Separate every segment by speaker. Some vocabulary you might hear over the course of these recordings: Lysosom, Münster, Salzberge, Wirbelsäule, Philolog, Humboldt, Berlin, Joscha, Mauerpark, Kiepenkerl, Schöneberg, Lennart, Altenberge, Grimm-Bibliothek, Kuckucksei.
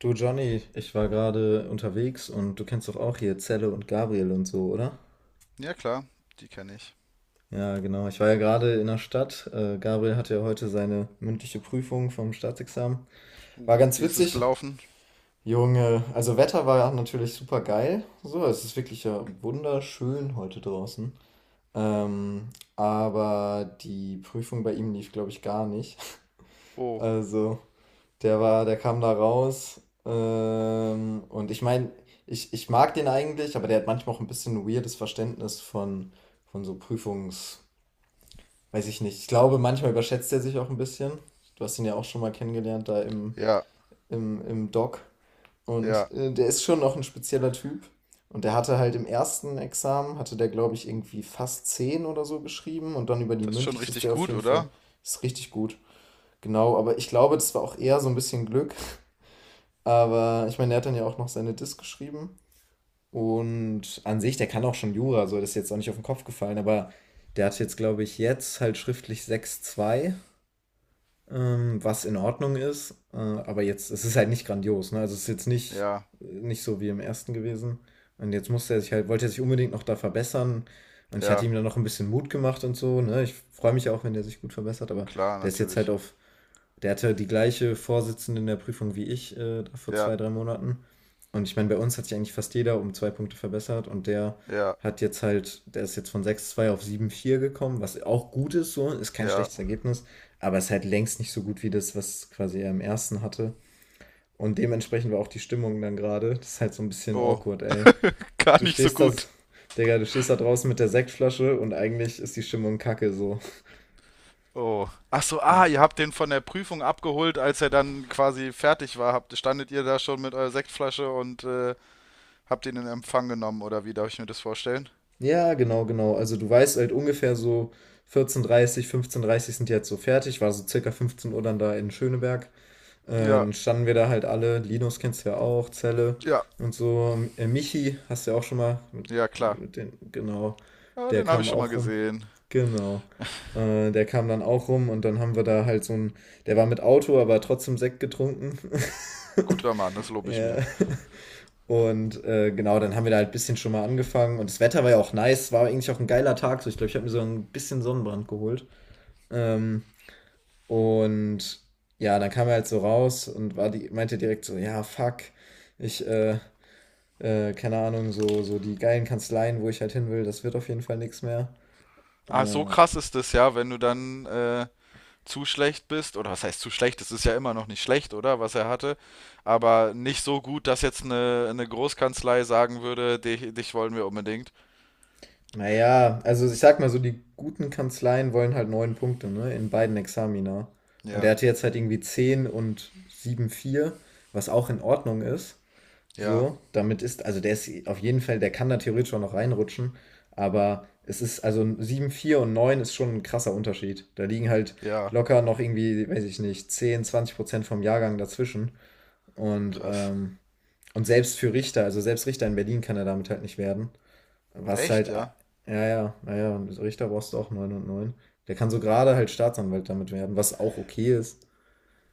Speaker 1: Du Johnny, ich war gerade unterwegs und du kennst doch auch hier Zelle und Gabriel und so, oder?
Speaker 2: Ja, klar, die kenne ich.
Speaker 1: Ja, genau. Ich war ja gerade in der Stadt. Gabriel hatte ja heute seine mündliche Prüfung vom Staatsexamen. War
Speaker 2: Und
Speaker 1: ganz
Speaker 2: wie ist es
Speaker 1: witzig.
Speaker 2: gelaufen?
Speaker 1: Junge, also Wetter war natürlich super geil. So, es ist wirklich ja wunderschön heute draußen. Ähm, aber die Prüfung bei ihm lief, glaube ich, gar nicht.
Speaker 2: Oh,
Speaker 1: Also, der kam da raus. Und ich meine, ich mag den eigentlich, aber der hat manchmal auch ein bisschen ein weirdes Verständnis von so Prüfungs, weiß ich nicht. Ich glaube, manchmal überschätzt er sich auch ein bisschen. Du hast ihn ja auch schon mal kennengelernt da im,
Speaker 2: ja,
Speaker 1: im, im Doc.
Speaker 2: ja.
Speaker 1: Und der ist schon noch ein spezieller Typ. Und der hatte halt im ersten Examen, hatte der, glaube ich, irgendwie fast 10 oder so geschrieben. Und dann über die
Speaker 2: Das ist schon
Speaker 1: mündliche ist
Speaker 2: richtig
Speaker 1: der auf
Speaker 2: gut,
Speaker 1: jeden Fall,
Speaker 2: oder?
Speaker 1: ist richtig gut. Genau, aber ich glaube, das war auch eher so ein bisschen Glück. Aber ich meine, der hat dann ja auch noch seine Diss geschrieben. Und an sich, der kann auch schon Jura, so das ist jetzt auch nicht auf den Kopf gefallen, aber der hat jetzt, glaube ich, jetzt halt schriftlich 6,2, was in Ordnung ist. Aber jetzt, es ist halt nicht grandios, ne? Also es ist jetzt nicht,
Speaker 2: Ja,
Speaker 1: nicht so wie im ersten gewesen. Und jetzt musste er sich halt, wollte er sich unbedingt noch da verbessern. Und ich hatte
Speaker 2: ja,
Speaker 1: ihm dann noch ein bisschen Mut gemacht und so, ne? Ich freue mich ja auch, wenn der sich gut verbessert, aber
Speaker 2: klar,
Speaker 1: der ist jetzt halt
Speaker 2: natürlich.
Speaker 1: auf der hatte die gleiche Vorsitzende in der Prüfung wie ich vor
Speaker 2: Ja,
Speaker 1: zwei, drei Monaten. Und ich meine, bei uns hat sich eigentlich fast jeder um zwei Punkte verbessert und der
Speaker 2: ja,
Speaker 1: hat jetzt halt, der ist jetzt von 6,2 auf 7,4 gekommen, was auch gut ist, so, ist kein
Speaker 2: ja.
Speaker 1: schlechtes Ergebnis, aber ist halt längst nicht so gut wie das, was quasi er im ersten hatte. Und dementsprechend war auch die Stimmung dann gerade. Das ist halt so ein bisschen
Speaker 2: Oh,
Speaker 1: awkward, ey.
Speaker 2: gar
Speaker 1: Du
Speaker 2: nicht so
Speaker 1: stehst da,
Speaker 2: gut.
Speaker 1: Digga, du stehst da draußen mit der Sektflasche und eigentlich ist die Stimmung kacke so.
Speaker 2: Oh. Ach so,
Speaker 1: Ja.
Speaker 2: ah, ihr habt den von der Prüfung abgeholt, als er dann quasi fertig war. Habt, standet ihr da schon mit eurer Sektflasche und habt ihn in Empfang genommen, oder wie darf ich mir das vorstellen?
Speaker 1: Ja, genau, genau. Also du weißt halt ungefähr so 14:30, 15:30 sind die jetzt so fertig, war so circa 15 Uhr dann da in Schöneberg. Äh,
Speaker 2: Ja,
Speaker 1: dann standen wir da halt alle, Linus kennst du ja auch, Zelle
Speaker 2: ja,
Speaker 1: und so. Michi hast du ja auch schon mal, mit,
Speaker 2: ja, klar.
Speaker 1: mit den, genau,
Speaker 2: Ja,
Speaker 1: der
Speaker 2: den habe
Speaker 1: kam
Speaker 2: ich schon mal
Speaker 1: auch rum.
Speaker 2: gesehen.
Speaker 1: Genau. Der kam dann auch rum und dann haben wir da halt so ein, der war mit Auto, aber trotzdem Sekt getrunken.
Speaker 2: Guter Mann, das lobe ich mir.
Speaker 1: Ja, und genau, dann haben wir da halt ein bisschen schon mal angefangen. Und das Wetter war ja auch nice, war eigentlich auch ein geiler Tag. So, ich glaube, ich habe mir so ein bisschen Sonnenbrand geholt. Ähm, und ja, dann kam er halt so raus und war die, meinte direkt so, ja, fuck, ich, äh, keine Ahnung, so, die geilen Kanzleien, wo ich halt hin will, das wird auf jeden Fall nichts mehr.
Speaker 2: Ah, so
Speaker 1: Äh,
Speaker 2: krass ist es ja, wenn du dann zu schlecht bist, oder was heißt zu schlecht, es ist ja immer noch nicht schlecht, oder, was er hatte, aber nicht so gut, dass jetzt eine Großkanzlei sagen würde, dich wollen wir unbedingt.
Speaker 1: naja, also ich sag mal so, die guten Kanzleien wollen halt neun Punkte, ne? In beiden Examina. Und er
Speaker 2: Ja,
Speaker 1: hatte jetzt halt irgendwie 10 und 7,4 was auch in Ordnung ist.
Speaker 2: ja,
Speaker 1: So, damit ist, also der ist auf jeden Fall, der kann da theoretisch auch noch reinrutschen, aber es ist, also 7,4 und 9 ist schon ein krasser Unterschied. Da liegen halt
Speaker 2: ja,
Speaker 1: locker noch irgendwie, weiß ich nicht, 10, 20% vom Jahrgang dazwischen. Und,
Speaker 2: krass.
Speaker 1: ähm, und selbst für Richter, also selbst Richter in Berlin kann er damit halt nicht werden. Was
Speaker 2: Echt,
Speaker 1: halt,
Speaker 2: ja.
Speaker 1: ja, ja, naja, und Richter brauchst du auch 9 und 9. Der kann so gerade halt Staatsanwalt damit werden, was auch okay ist.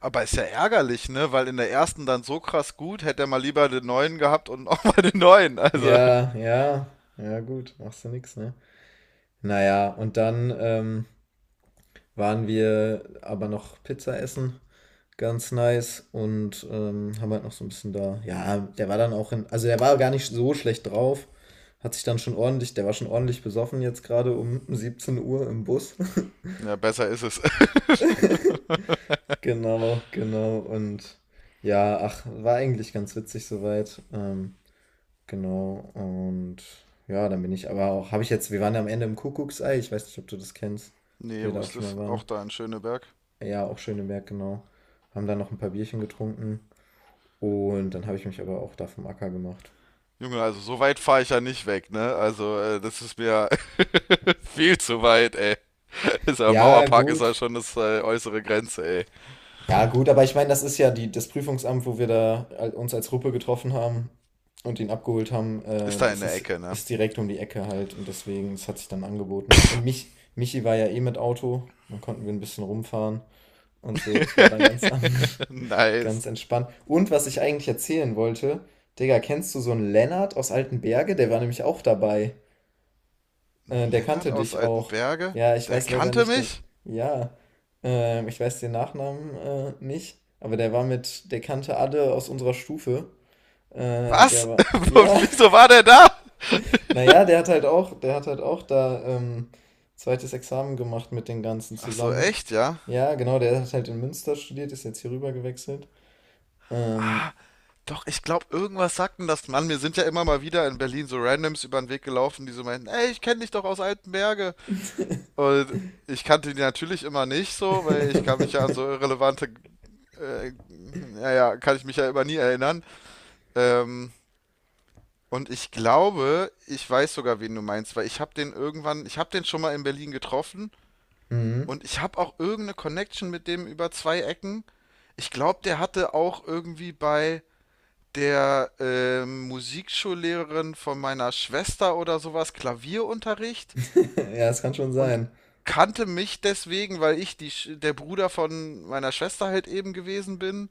Speaker 2: Aber ist ja ärgerlich, ne? Weil in der ersten dann so krass gut, hätte er mal lieber den neuen gehabt und auch mal den neuen. Also,
Speaker 1: Ja, ja, ja, gut, machst du nix, ne? Naja, und dann, waren wir aber noch Pizza essen. Ganz nice und haben halt noch so ein bisschen da. Ja, der war dann auch in. Also, der war gar nicht so schlecht drauf. Hat sich dann schon ordentlich. Der war schon ordentlich besoffen jetzt gerade um 17 Uhr im Bus.
Speaker 2: ja, besser ist es.
Speaker 1: Genau, genau. Und ja, ach, war eigentlich ganz witzig soweit. Genau. Und ja, dann bin ich aber auch. Habe ich jetzt. Wir waren ja am Ende im Kuckucksei. Ich weiß nicht, ob du das kennst.
Speaker 2: Nee,
Speaker 1: Wir
Speaker 2: wo
Speaker 1: da auch
Speaker 2: ist
Speaker 1: schon
Speaker 2: das?
Speaker 1: mal
Speaker 2: Auch
Speaker 1: waren.
Speaker 2: da in Schöneberg.
Speaker 1: Ja, auch Schöneberg, genau. Haben dann noch ein paar Bierchen getrunken. Und dann habe ich mich aber auch da vom Acker gemacht.
Speaker 2: Junge, also so weit fahre ich ja nicht weg, ne? Also, das ist mir viel zu weit, ey. Dieser
Speaker 1: Ja,
Speaker 2: Mauerpark ist ja
Speaker 1: gut.
Speaker 2: schon das äußere Grenze, ey.
Speaker 1: Ja, gut, aber ich meine, das ist ja die, das Prüfungsamt, wo wir da uns als Gruppe getroffen haben und ihn abgeholt haben.
Speaker 2: Ist da in
Speaker 1: Das
Speaker 2: der
Speaker 1: ist,
Speaker 2: Ecke, ne?
Speaker 1: ist direkt um die Ecke halt und deswegen, es hat sich dann angeboten. Michi war ja eh mit Auto, dann konnten wir ein bisschen rumfahren und so. Das war dann
Speaker 2: Nice.
Speaker 1: ganz entspannt. Und was ich eigentlich erzählen wollte, Digga, kennst du so einen Lennart aus Altenberge? Der war nämlich auch dabei. Der
Speaker 2: Lennart
Speaker 1: kannte
Speaker 2: aus
Speaker 1: dich auch.
Speaker 2: Altenberge?
Speaker 1: Ja, ich
Speaker 2: Der
Speaker 1: weiß leider
Speaker 2: kannte
Speaker 1: nicht den.
Speaker 2: mich?
Speaker 1: Ja, ich weiß den Nachnamen nicht, aber der war mit, der kannte alle aus unserer Stufe. Der
Speaker 2: Was?
Speaker 1: war, ja,
Speaker 2: Wieso war der da?
Speaker 1: naja, der hat halt auch da zweites Examen gemacht mit den ganzen
Speaker 2: Ach so,
Speaker 1: zusammen.
Speaker 2: echt, ja?
Speaker 1: Ja, genau, der hat halt in Münster studiert, ist jetzt hier rüber gewechselt.
Speaker 2: Ah,
Speaker 1: Ähm,
Speaker 2: doch, ich glaube, irgendwas sagten das. Mann, mir sind ja immer mal wieder in Berlin so Randoms über den Weg gelaufen, die so meinten, ey, ich kenne dich doch aus Altenberge. Und ich kannte die natürlich immer nicht so, weil ich kann mich ja an so irrelevante, äh, kann ich mich ja immer nie erinnern. Ähm, Und ich glaube, ich weiß sogar, wen du meinst, weil ich habe den schon mal in Berlin getroffen
Speaker 1: mhm.
Speaker 2: und ich habe auch irgendeine Connection mit dem über zwei Ecken. Ich glaube, der hatte auch irgendwie bei der Musikschullehrerin von meiner Schwester oder sowas Klavierunterricht
Speaker 1: Ja, es kann schon
Speaker 2: und
Speaker 1: sein.
Speaker 2: kannte mich deswegen, weil ich der Bruder von meiner Schwester halt eben gewesen bin.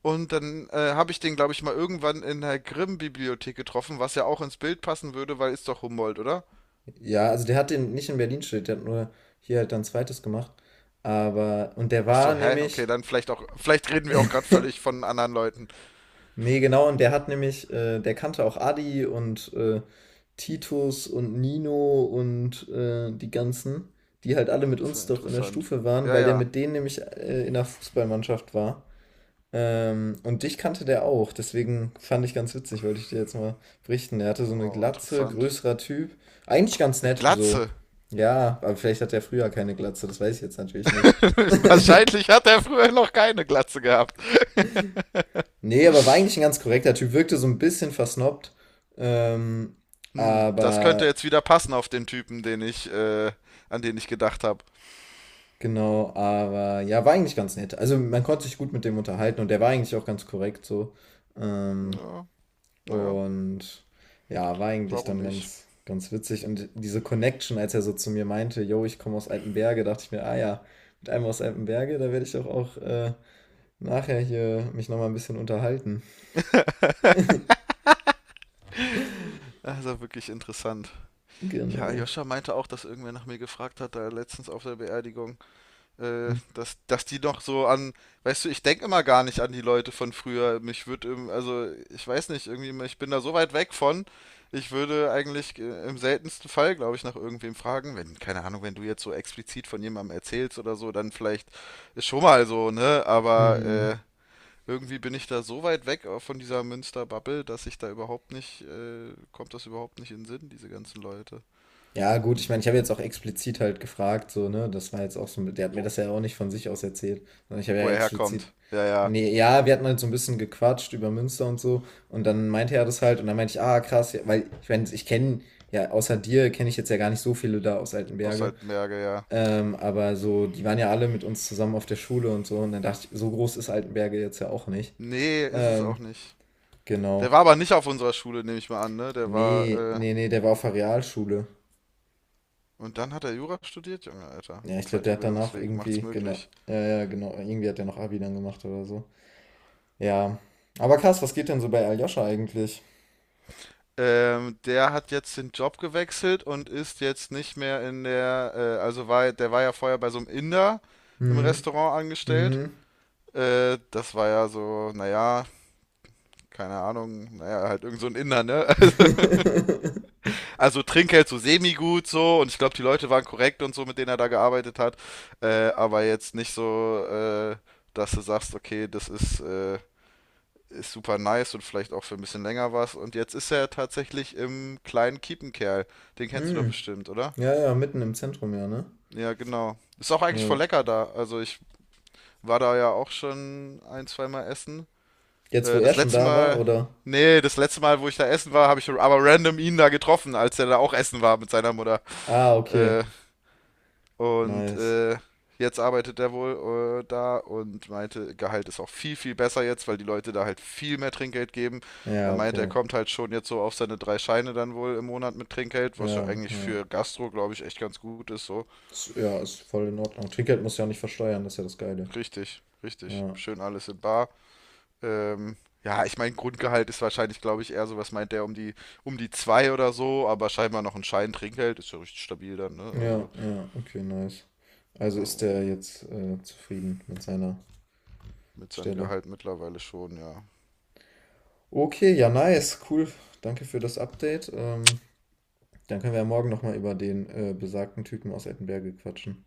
Speaker 2: Und dann habe ich den, glaube ich, mal irgendwann in der Grimm-Bibliothek getroffen, was ja auch ins Bild passen würde, weil ist doch Humboldt, oder?
Speaker 1: Ja, also der hat den nicht in Berlin studiert, der hat nur hier halt dann zweites gemacht. Aber, und der
Speaker 2: Ach so,
Speaker 1: war
Speaker 2: hä? Okay,
Speaker 1: nämlich,
Speaker 2: dann vielleicht auch, vielleicht reden wir auch gerade völlig von anderen Leuten.
Speaker 1: nee, genau, und der hat nämlich, der kannte auch Adi und Titus und Nino und die ganzen, die halt alle mit
Speaker 2: Das ist ja
Speaker 1: uns doch in der
Speaker 2: interessant.
Speaker 1: Stufe waren,
Speaker 2: Ja,
Speaker 1: weil der
Speaker 2: ja.
Speaker 1: mit denen nämlich in der Fußballmannschaft war. Und dich kannte der auch, deswegen fand ich ganz witzig, wollte ich dir jetzt mal berichten. Er hatte so eine
Speaker 2: Wow,
Speaker 1: Glatze,
Speaker 2: interessant.
Speaker 1: größerer Typ. Eigentlich ganz
Speaker 2: Eine
Speaker 1: nett, so.
Speaker 2: Glatze.
Speaker 1: Ja, aber vielleicht hat er früher keine Glatze, das weiß ich jetzt natürlich nicht.
Speaker 2: Wahrscheinlich hat er früher noch keine Glatze gehabt.
Speaker 1: Nee, aber war eigentlich ein ganz korrekter Typ, wirkte so ein bisschen versnobbt. Ähm,
Speaker 2: Hm, das könnte
Speaker 1: aber,
Speaker 2: jetzt wieder passen auf den Typen, an den ich gedacht habe.
Speaker 1: genau, aber ja, war eigentlich ganz nett. Also man konnte sich gut mit dem unterhalten und der war eigentlich auch ganz korrekt so. Ähm,
Speaker 2: Ja, naja,
Speaker 1: Und ja, war eigentlich
Speaker 2: warum
Speaker 1: dann
Speaker 2: nicht?
Speaker 1: ganz, ganz witzig. Und diese Connection, als er so zu mir meinte, yo, ich komme aus Altenberge, dachte ich mir, ah ja, mit einem aus Altenberge, da werde ich doch auch nachher hier mich nochmal ein bisschen unterhalten.
Speaker 2: Also wirklich interessant. Ja,
Speaker 1: Genau.
Speaker 2: Joscha meinte auch, dass irgendwer nach mir gefragt hat, da letztens auf der Beerdigung, dass die noch so an, weißt du, ich denke immer gar nicht an die Leute von früher. Mich würde, also ich weiß nicht, irgendwie, ich bin da so weit weg von. Ich würde eigentlich im seltensten Fall, glaube ich, nach irgendwem fragen. Wenn, keine Ahnung, wenn du jetzt so explizit von jemandem erzählst oder so, dann vielleicht ist schon mal so, ne? Aber
Speaker 1: Mhm.
Speaker 2: äh, irgendwie bin ich da so weit weg auch von dieser Münster-Bubble, dass ich da überhaupt nicht, kommt das überhaupt nicht in den Sinn, diese ganzen Leute.
Speaker 1: Ja, gut, ich meine, ich habe jetzt auch explizit halt gefragt, so, ne? Das war jetzt auch so, der hat mir
Speaker 2: Wo,
Speaker 1: das ja auch nicht von sich aus erzählt, sondern ich habe ja
Speaker 2: wo er
Speaker 1: explizit.
Speaker 2: herkommt. Ja, ja.
Speaker 1: Nee, ja, wir hatten halt so ein bisschen gequatscht über Münster und so. Und dann meinte er das halt und dann meinte ich, ah, krass, ja, weil ich meine, ich kenne, ja, außer dir kenne ich jetzt ja gar nicht so viele da aus
Speaker 2: Aus
Speaker 1: Altenberge.
Speaker 2: Salzberge, ja.
Speaker 1: Aber so, die waren ja alle mit uns zusammen auf der Schule und so. Und dann dachte ich, so groß ist Altenberge jetzt ja auch nicht.
Speaker 2: Nee, ist es
Speaker 1: Ähm,
Speaker 2: auch nicht. Der
Speaker 1: genau.
Speaker 2: war aber nicht auf unserer Schule, nehme ich mal an, ne?
Speaker 1: Nee, nee, nee, der war auf der Realschule.
Speaker 2: Und dann hat er Jura studiert, Junge, Alter.
Speaker 1: Ja, ich glaube, der
Speaker 2: Zweiter
Speaker 1: hat danach
Speaker 2: Bildungsweg, macht's
Speaker 1: irgendwie, genau,
Speaker 2: möglich.
Speaker 1: ja, ja, genau, irgendwie hat er noch Abi dann gemacht oder so. Ja. Aber krass, was geht denn so bei Aljoscha eigentlich?
Speaker 2: Der hat jetzt den Job gewechselt und ist jetzt nicht mehr in der, der war ja vorher bei so einem Inder im
Speaker 1: Hm,
Speaker 2: Restaurant angestellt.
Speaker 1: hm.
Speaker 2: Das war ja so, naja, keine Ahnung, naja, halt irgend so ein Inder, ne? Also Trinkgeld so semi-gut so und ich glaube, die Leute waren korrekt und so, mit denen er da gearbeitet hat. Aber jetzt nicht so, dass du sagst, okay, ist super nice und vielleicht auch für ein bisschen länger was. Und jetzt ist er tatsächlich im kleinen Kiepenkerl. Den kennst du doch
Speaker 1: Hm.
Speaker 2: bestimmt, oder?
Speaker 1: Ja, ja, mitten im Zentrum, ja, ne?
Speaker 2: Ja, genau. Ist auch eigentlich
Speaker 1: Ja.
Speaker 2: voll lecker da. Also ich war da ja auch schon ein, zweimal essen.
Speaker 1: Jetzt, wo
Speaker 2: Äh,
Speaker 1: er
Speaker 2: das
Speaker 1: schon
Speaker 2: letzte
Speaker 1: da war,
Speaker 2: Mal,
Speaker 1: oder?
Speaker 2: Nee, das letzte Mal, wo ich da essen war, habe ich aber random ihn da getroffen, als er da auch essen war mit seiner Mutter.
Speaker 1: Ah, okay.
Speaker 2: Äh, Und
Speaker 1: Nice.
Speaker 2: äh, jetzt arbeitet er wohl da und meinte, Gehalt ist auch viel, viel besser jetzt, weil die Leute da halt viel mehr Trinkgeld geben. Er
Speaker 1: Ja,
Speaker 2: meinte, er
Speaker 1: okay.
Speaker 2: kommt halt schon jetzt so auf seine drei Scheine dann wohl im Monat mit Trinkgeld, was ja
Speaker 1: Ja,
Speaker 2: eigentlich
Speaker 1: ja.
Speaker 2: für Gastro, glaube ich, echt ganz gut ist. So,
Speaker 1: Ist, ja, ist voll in Ordnung. Trinkgeld muss ja nicht versteuern, das ist ja das Geile.
Speaker 2: richtig, richtig.
Speaker 1: Ja,
Speaker 2: Schön alles in Bar. Ähm, ja, ich meine, Grundgehalt ist wahrscheinlich, glaube ich, eher so, was meint der, um die zwei oder so, aber scheinbar noch ein Schein Trinkgeld, ist ja richtig stabil dann, ne?
Speaker 1: ja,
Speaker 2: Also
Speaker 1: ja, okay, nice. Also ist
Speaker 2: ähm,
Speaker 1: der jetzt zufrieden mit seiner
Speaker 2: mit seinem
Speaker 1: Stelle.
Speaker 2: Gehalt mittlerweile schon, ja.
Speaker 1: Okay, ja, nice, cool. Danke für das Update. Dann können wir ja morgen nochmal über den besagten Typen aus Ettenberge quatschen.